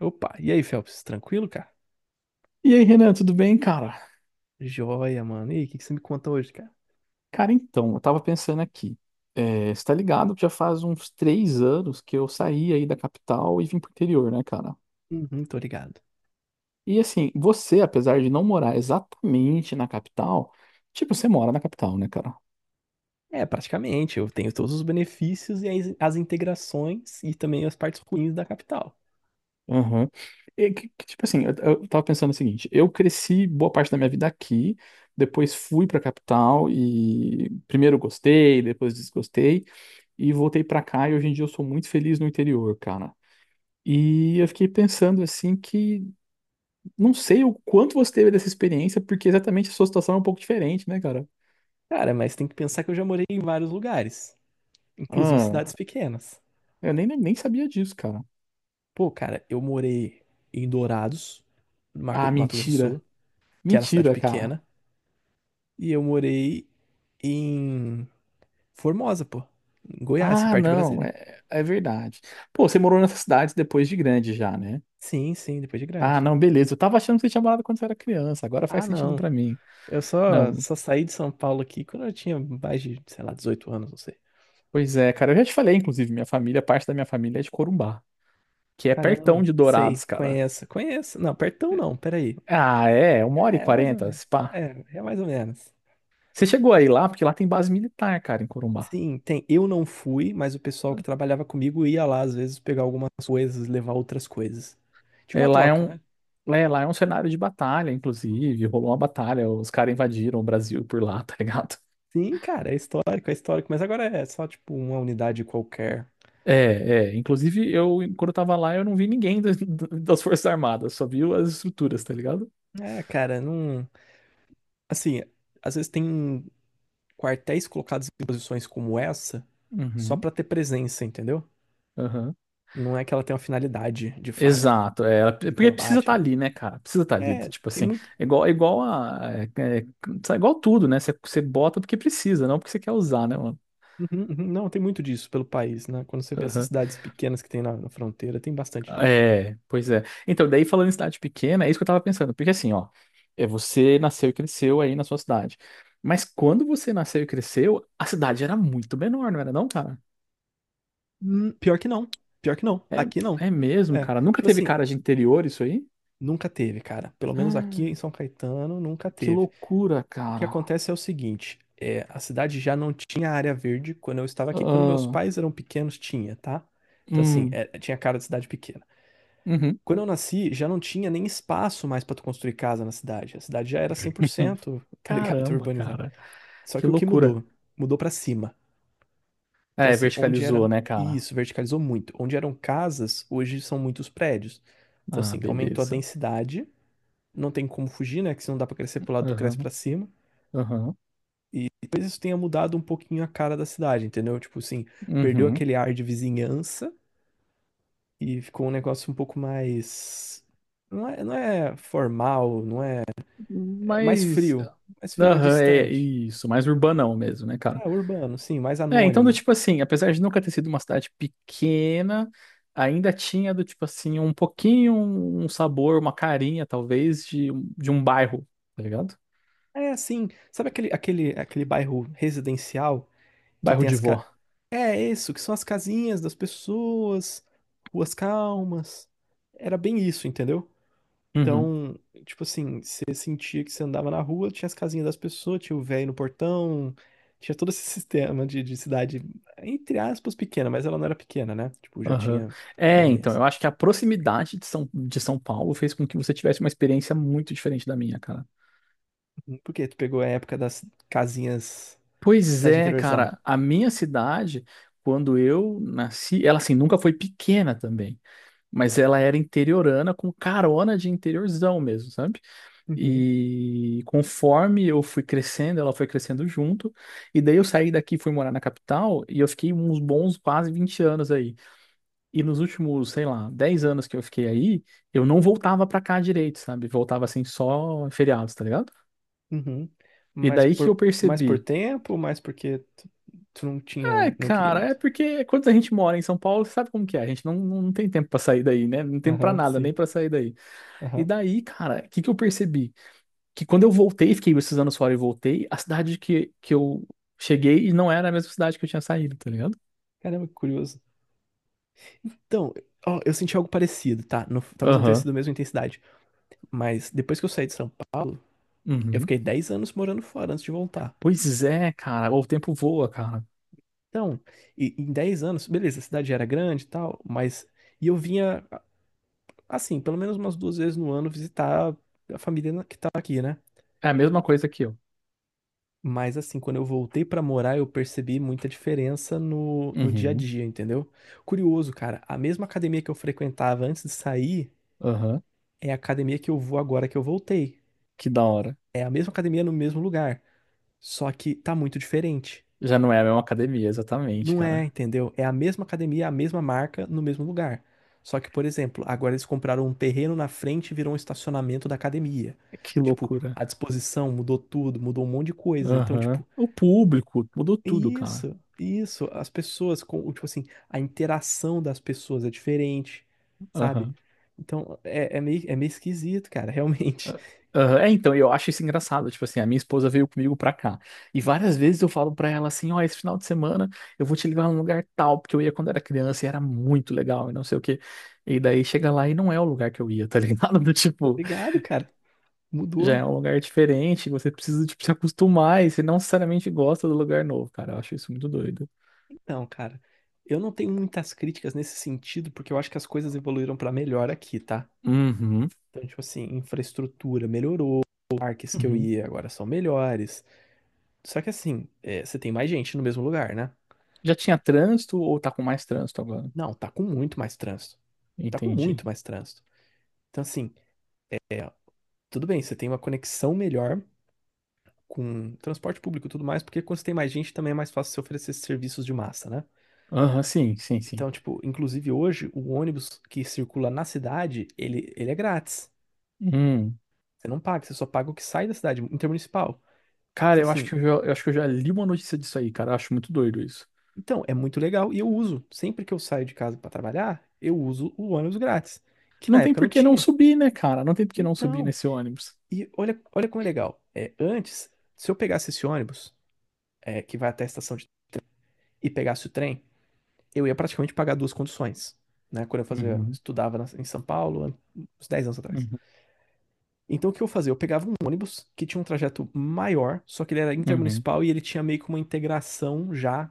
Opa, e aí, Phelps? Tranquilo, cara? E aí, Renan, tudo bem, cara? Joia, mano. E aí, o que que você me conta hoje, cara? Cara, então, eu tava pensando aqui. É, você tá ligado que já faz uns 3 anos que eu saí aí da capital e vim pro interior, né, cara? Uhum, tô ligado. E assim, você, apesar de não morar exatamente na capital, tipo, você mora na capital, né, cara? É, praticamente, eu tenho todos os benefícios e as integrações e também as partes ruins da capital. Aham. E tipo assim, eu tava pensando o seguinte: eu cresci boa parte da minha vida aqui, depois fui pra capital e primeiro gostei, depois desgostei, e voltei pra cá e hoje em dia eu sou muito feliz no interior, cara. E eu fiquei pensando assim que não sei o quanto você teve dessa experiência, porque exatamente a sua situação é um pouco diferente, né, cara? Cara, mas tem que pensar que eu já morei em vários lugares, inclusive Ah, cidades pequenas. eu nem sabia disso, cara. Pô, cara, eu morei em Dourados, no Ah, Mato Grosso do mentira. Sul, que era uma cidade Mentira, cara. pequena, e eu morei em Formosa, pô, em Goiás, que é Ah, perto de não, Brasília. é verdade. Pô, você morou nessa cidade depois de grande já, né? Sim, sim, depois de Ah, grande. não, beleza. Eu tava achando que você tinha morado quando você era criança, agora faz Ah, sentido não. pra mim. Eu só, Não, só saí de São Paulo aqui quando eu tinha mais de, sei lá, 18 anos, não sei. pois é, cara. Eu já te falei, inclusive, minha família, parte da minha família é de Corumbá, que é pertão Caramba, de Dourados, sei, cara. conheço, conheço. Não, pertão não, peraí. Ah, é, uma hora e É, mais ou quarenta, menos. É mais ou menos. Você chegou aí lá, porque lá tem base militar, cara, em Corumbá. Sim, tem. Eu não fui, mas o pessoal que trabalhava comigo ia lá às vezes pegar algumas coisas, levar outras coisas. Tinha É, uma lá é troca, um, né? lá é, lá é um cenário de batalha, inclusive. Rolou uma batalha, os caras invadiram o Brasil por lá, tá ligado? Sim, cara, é histórico, mas agora é só tipo uma unidade qualquer. É, é. Inclusive, eu, quando eu tava lá, eu não vi ninguém das, das Forças Armadas, só vi as estruturas, tá ligado? É, cara, não. Assim, às vezes tem quartéis colocados em posições como essa só Uhum, pra ter presença, entendeu? aham. Não é que ela tem uma finalidade, de fato, Exato, é, de porque precisa combate, estar né? ali, né, cara? Precisa estar ali, É, tipo tem assim, muito. É igual a, é, é, é igual tudo, né? Você bota porque precisa, não porque você quer usar, né, mano? Uhum, uhum. Não, tem muito disso pelo país, né? Quando você vê essas cidades pequenas que tem na fronteira, tem bastante disso. É, pois é. Então, daí falando em cidade pequena, é isso que eu tava pensando. Porque assim, ó, é você nasceu e cresceu aí na sua cidade. Mas quando você nasceu e cresceu, a cidade era muito menor, não era não, cara? Pior que não. Pior que não. Aqui não. É, é mesmo, É, cara. Nunca tipo teve assim, cara de interior isso aí? nunca teve, cara. Pelo menos aqui em Ah, São Caetano, nunca que teve. loucura, O que cara. acontece é o seguinte, é, a cidade já não tinha área verde quando eu estava aqui. Quando meus Ah, pais eram pequenos, tinha, tá? Então, assim, hum, é, tinha cara de cidade pequena. uhum. Quando eu nasci, já não tinha nem espaço mais para tu construir casa na cidade. A cidade já era 100%, tá ligado? Caramba, Urbanizada. cara. Só Que que o que loucura. mudou? Mudou para cima. Então, É, assim, onde verticalizou, era... né, cara? Isso, verticalizou muito. Onde eram casas, hoje são muitos prédios. Então, Ah, assim, aumentou a beleza. densidade. Não tem como fugir, né? Que se não dá para crescer pro lado, tu cresce Aham, para cima. aham, E talvez isso tenha mudado um pouquinho a cara da cidade, entendeu? Tipo assim, perdeu uhum. aquele ar de vizinhança e ficou um negócio um pouco mais. Não é, não é formal, não é, é mais Mas. frio. Mais frio, mais Aham, é distante. isso, mais urbanão mesmo, né, cara? É, urbano, sim, mais É, então, do anônimo. tipo assim, apesar de nunca ter sido uma cidade pequena, ainda tinha do tipo assim, um pouquinho, um sabor, uma carinha, talvez, de um bairro, tá ligado? É assim, sabe aquele bairro residencial que Bairro tem de as Ca... vó. é isso, que são as casinhas das pessoas, ruas calmas. Era bem isso, entendeu? Uhum, Então, tipo assim, você sentia que você andava na rua, tinha as casinhas das pessoas, tinha o velho no portão, tinha todo esse sistema de cidade, entre aspas, pequena, mas ela não era pequena, né? Tipo, já aham. tinha É, bem então, dessa. eu acho que a proximidade de São Paulo fez com que você tivesse uma experiência muito diferente da minha, cara. Por quê? Tu pegou a época das casinhas, Pois cidade é, interiorzão. cara, a minha cidade, quando eu nasci, ela assim, nunca foi pequena também. Mas ela era interiorana com carona de interiorzão mesmo, sabe? Uhum. E conforme eu fui crescendo, ela foi crescendo junto. E daí eu saí daqui, fui morar na capital e eu fiquei uns bons quase 20 anos aí. E nos últimos, sei lá, 10 anos que eu fiquei aí, eu não voltava pra cá direito, sabe? Voltava assim só em feriados, tá ligado? Uhum. E Mas daí que eu por, mais por percebi. tempo, mais porque tu, tu não Ah, tinha, não queria cara, é muito. porque quando a gente mora em São Paulo, você sabe como que é? A gente não tem tempo pra sair daí, né? Não tem tempo pra Aham, nada, nem sim. pra sair daí. E Aham. daí, cara, o que que eu percebi? Que quando eu voltei, fiquei esses anos fora e voltei, a cidade que eu cheguei não era a mesma cidade que eu tinha saído, tá ligado? Caramba, que curioso. Então, ó, eu senti algo parecido, tá? Não, talvez não tenha Aham. sido a mesma intensidade. Mas depois que eu saí de São Paulo, eu Uhum. fiquei 10 anos morando fora antes de voltar. Pois é, cara. O tempo voa, cara. Então, em 10 anos, beleza, a cidade já era grande e tal. Mas. E eu vinha, assim, pelo menos umas duas vezes no ano visitar a família que tá aqui, né? É a mesma coisa que eu. Mas, assim, quando eu voltei pra morar, eu percebi muita diferença no dia a Uhum. dia, entendeu? Curioso, cara, a mesma academia que eu frequentava antes de sair Aham. é a academia que eu vou agora que eu voltei. Que da hora. É a mesma academia no mesmo lugar, só que tá muito diferente. Já não é a mesma academia, exatamente, Não é, cara. entendeu? É a mesma academia, a mesma marca, no mesmo lugar. Só que, por exemplo, agora eles compraram um terreno na frente e virou um estacionamento da academia. Que Tipo, loucura. a disposição mudou tudo, mudou um monte de coisa. Então, Aham. tipo, O público, mudou é tudo, cara. isso, é isso. As pessoas, com, tipo assim, a interação das pessoas é diferente, sabe? Aham. Então, é meio esquisito, cara, realmente. Aham, é, então, eu acho isso engraçado. Tipo assim, a minha esposa veio comigo pra cá. E várias vezes eu falo pra ela assim: ó, esse final de semana eu vou te levar num lugar tal, porque eu ia quando era criança e era muito legal e não sei o quê. E daí chega lá e não é o lugar que eu ia, tá ligado? Do Tá tipo, ligado, cara? já Mudou. é um lugar diferente, você precisa, tipo, se acostumar e você não necessariamente gosta do lugar novo, cara. Eu acho isso muito doido. Então, cara, eu não tenho muitas críticas nesse sentido, porque eu acho que as coisas evoluíram pra melhor aqui, tá? Uhum, Então, tipo assim, infraestrutura melhorou, parques que eu uhum. ia agora são melhores. Só que assim, é, você tem mais gente no mesmo lugar, né? Já tinha trânsito ou tá com mais trânsito agora? Não, tá com muito mais trânsito. Tá com muito Entendi. mais trânsito. Então, assim, tudo bem, você tem uma conexão melhor com transporte público e tudo mais, porque quando você tem mais gente também é mais fácil você oferecer esses serviços de massa, né? Aham, sim, sim, sim. Então, tipo, inclusive hoje, o ônibus que circula na cidade, ele é grátis. Hum. Você não paga, você só paga o que sai da cidade, intermunicipal. Cara, Então, eu acho que eu assim, já, eu acho que eu já li uma notícia disso aí, cara. Eu acho muito doido isso. Então, é muito legal e eu uso. Sempre que eu saio de casa para trabalhar, eu uso o ônibus grátis, que Não na tem época não por que não tinha. subir, né, cara? Não tem por que não subir Então, nesse ônibus. e olha, olha como é legal. É, antes, se eu pegasse esse ônibus, é, que vai até a estação e pegasse o trem, eu ia praticamente pagar duas conduções, né? Quando eu fazia, Uhum, estudava em São Paulo, há uns 10 anos atrás. uhum, Então, o que eu fazia? Eu pegava um ônibus que tinha um trajeto maior, só que ele era uhum. intermunicipal e ele tinha meio que uma integração já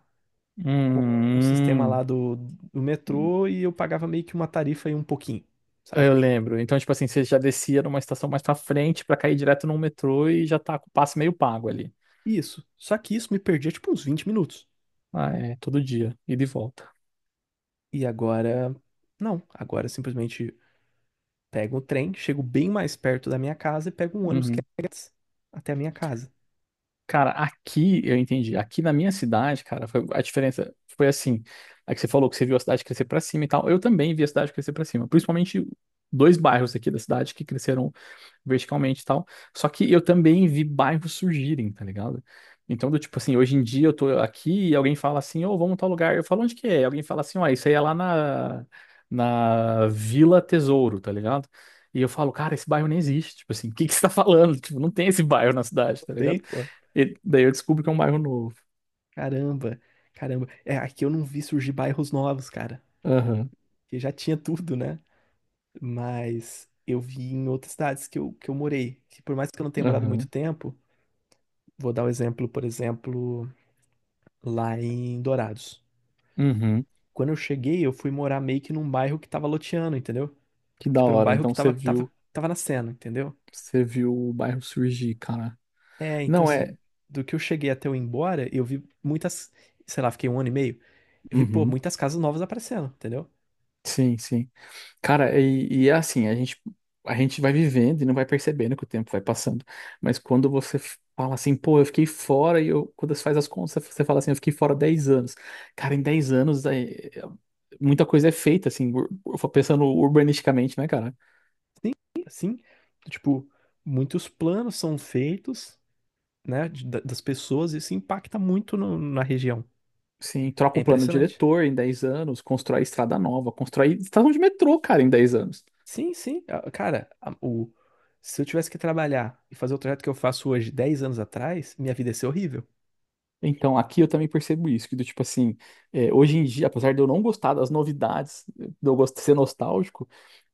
com o sistema lá Hum. do metrô e eu pagava meio que uma tarifa e um pouquinho, sabe? Eu lembro. Então, tipo assim, você já descia numa estação mais pra frente pra cair direto num metrô e já tá com o passe meio pago ali. Isso. Só que isso me perdia tipo uns 20 minutos. Ah, é, todo dia, ida e volta. E agora, não. Agora eu simplesmente pego o trem, chego bem mais perto da minha casa e pego um ônibus que Uhum. é grátis até a minha casa. Cara, aqui eu entendi. Aqui na minha cidade, cara, a diferença foi assim. É que você falou que você viu a cidade crescer pra cima e tal. Eu também vi a cidade crescer pra cima, principalmente dois bairros aqui da cidade que cresceram verticalmente e tal. Só que eu também vi bairros surgirem, tá ligado? Então, do tipo assim, hoje em dia eu tô aqui e alguém fala assim, ô, vamos em tal lugar. Eu falo, onde que é? E alguém fala assim, ó, isso aí é lá na Vila Tesouro, tá ligado? E eu falo, cara, esse bairro nem existe. Tipo assim, o que que você tá falando? Tipo, não tem esse bairro na cidade, tá Tem, ligado? pô. E daí eu descubro que é um bairro novo. Caramba, caramba. É, aqui eu não vi surgir bairros novos, cara. Aham, Que já tinha tudo, né? Mas eu vi em outras cidades que eu morei. Que por mais que eu não tenha morado muito aham, tempo, vou dar o exemplo, por exemplo, lá em Dourados. uhum. Quando eu cheguei, eu fui morar meio que num bairro que tava loteando, entendeu? Que da Tipo, era um hora. bairro Então que tava, tava, tava nascendo, entendeu? você viu o bairro surgir, cara. É, então Não é. assim, do que eu cheguei até eu ir embora, eu vi muitas, sei lá, fiquei um ano e meio, eu vi, pô, Uhum. muitas casas novas aparecendo, entendeu? Sim, sim. Cara, e é assim, a gente vai vivendo e não vai percebendo que o tempo vai passando. Mas quando você fala assim, pô, eu fiquei fora, e eu, quando você faz as contas, você fala assim, eu fiquei fora 10 anos. Cara, em 10 anos, é- muita coisa é feita, assim, pensando urbanisticamente, né, cara? Sim, assim, tipo, muitos planos são feitos, né, das pessoas e isso impacta muito na região. Sim, É troca o plano impressionante. diretor em 10 anos, constrói estrada nova, constrói estação de metrô, cara, em 10 anos. Sim, sim. Ah, cara, se eu tivesse que trabalhar e fazer o trajeto que eu faço hoje, 10 anos atrás, minha vida ia ser horrível. Então, aqui eu também percebo isso, que do tipo assim, é, hoje em dia, apesar de eu não gostar das novidades, de eu gosto de ser nostálgico,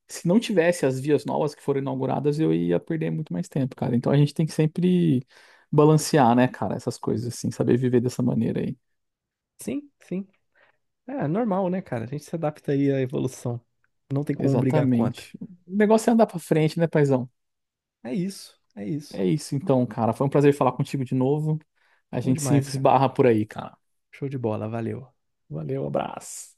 se não tivesse as vias novas que foram inauguradas, eu ia perder muito mais tempo, cara. Então a gente tem que sempre balancear, né, cara, essas coisas assim, saber viver dessa maneira aí. Sim, sim. É normal, né, cara? A gente se adapta aí à evolução. Não tem como brigar contra. Exatamente. O negócio é andar pra frente, né, paizão? É isso, é isso. É isso então, cara. Foi um prazer falar contigo de novo. A Bom gente se demais, cara. esbarra por aí, cara. Show de bola, valeu. Valeu, abraço.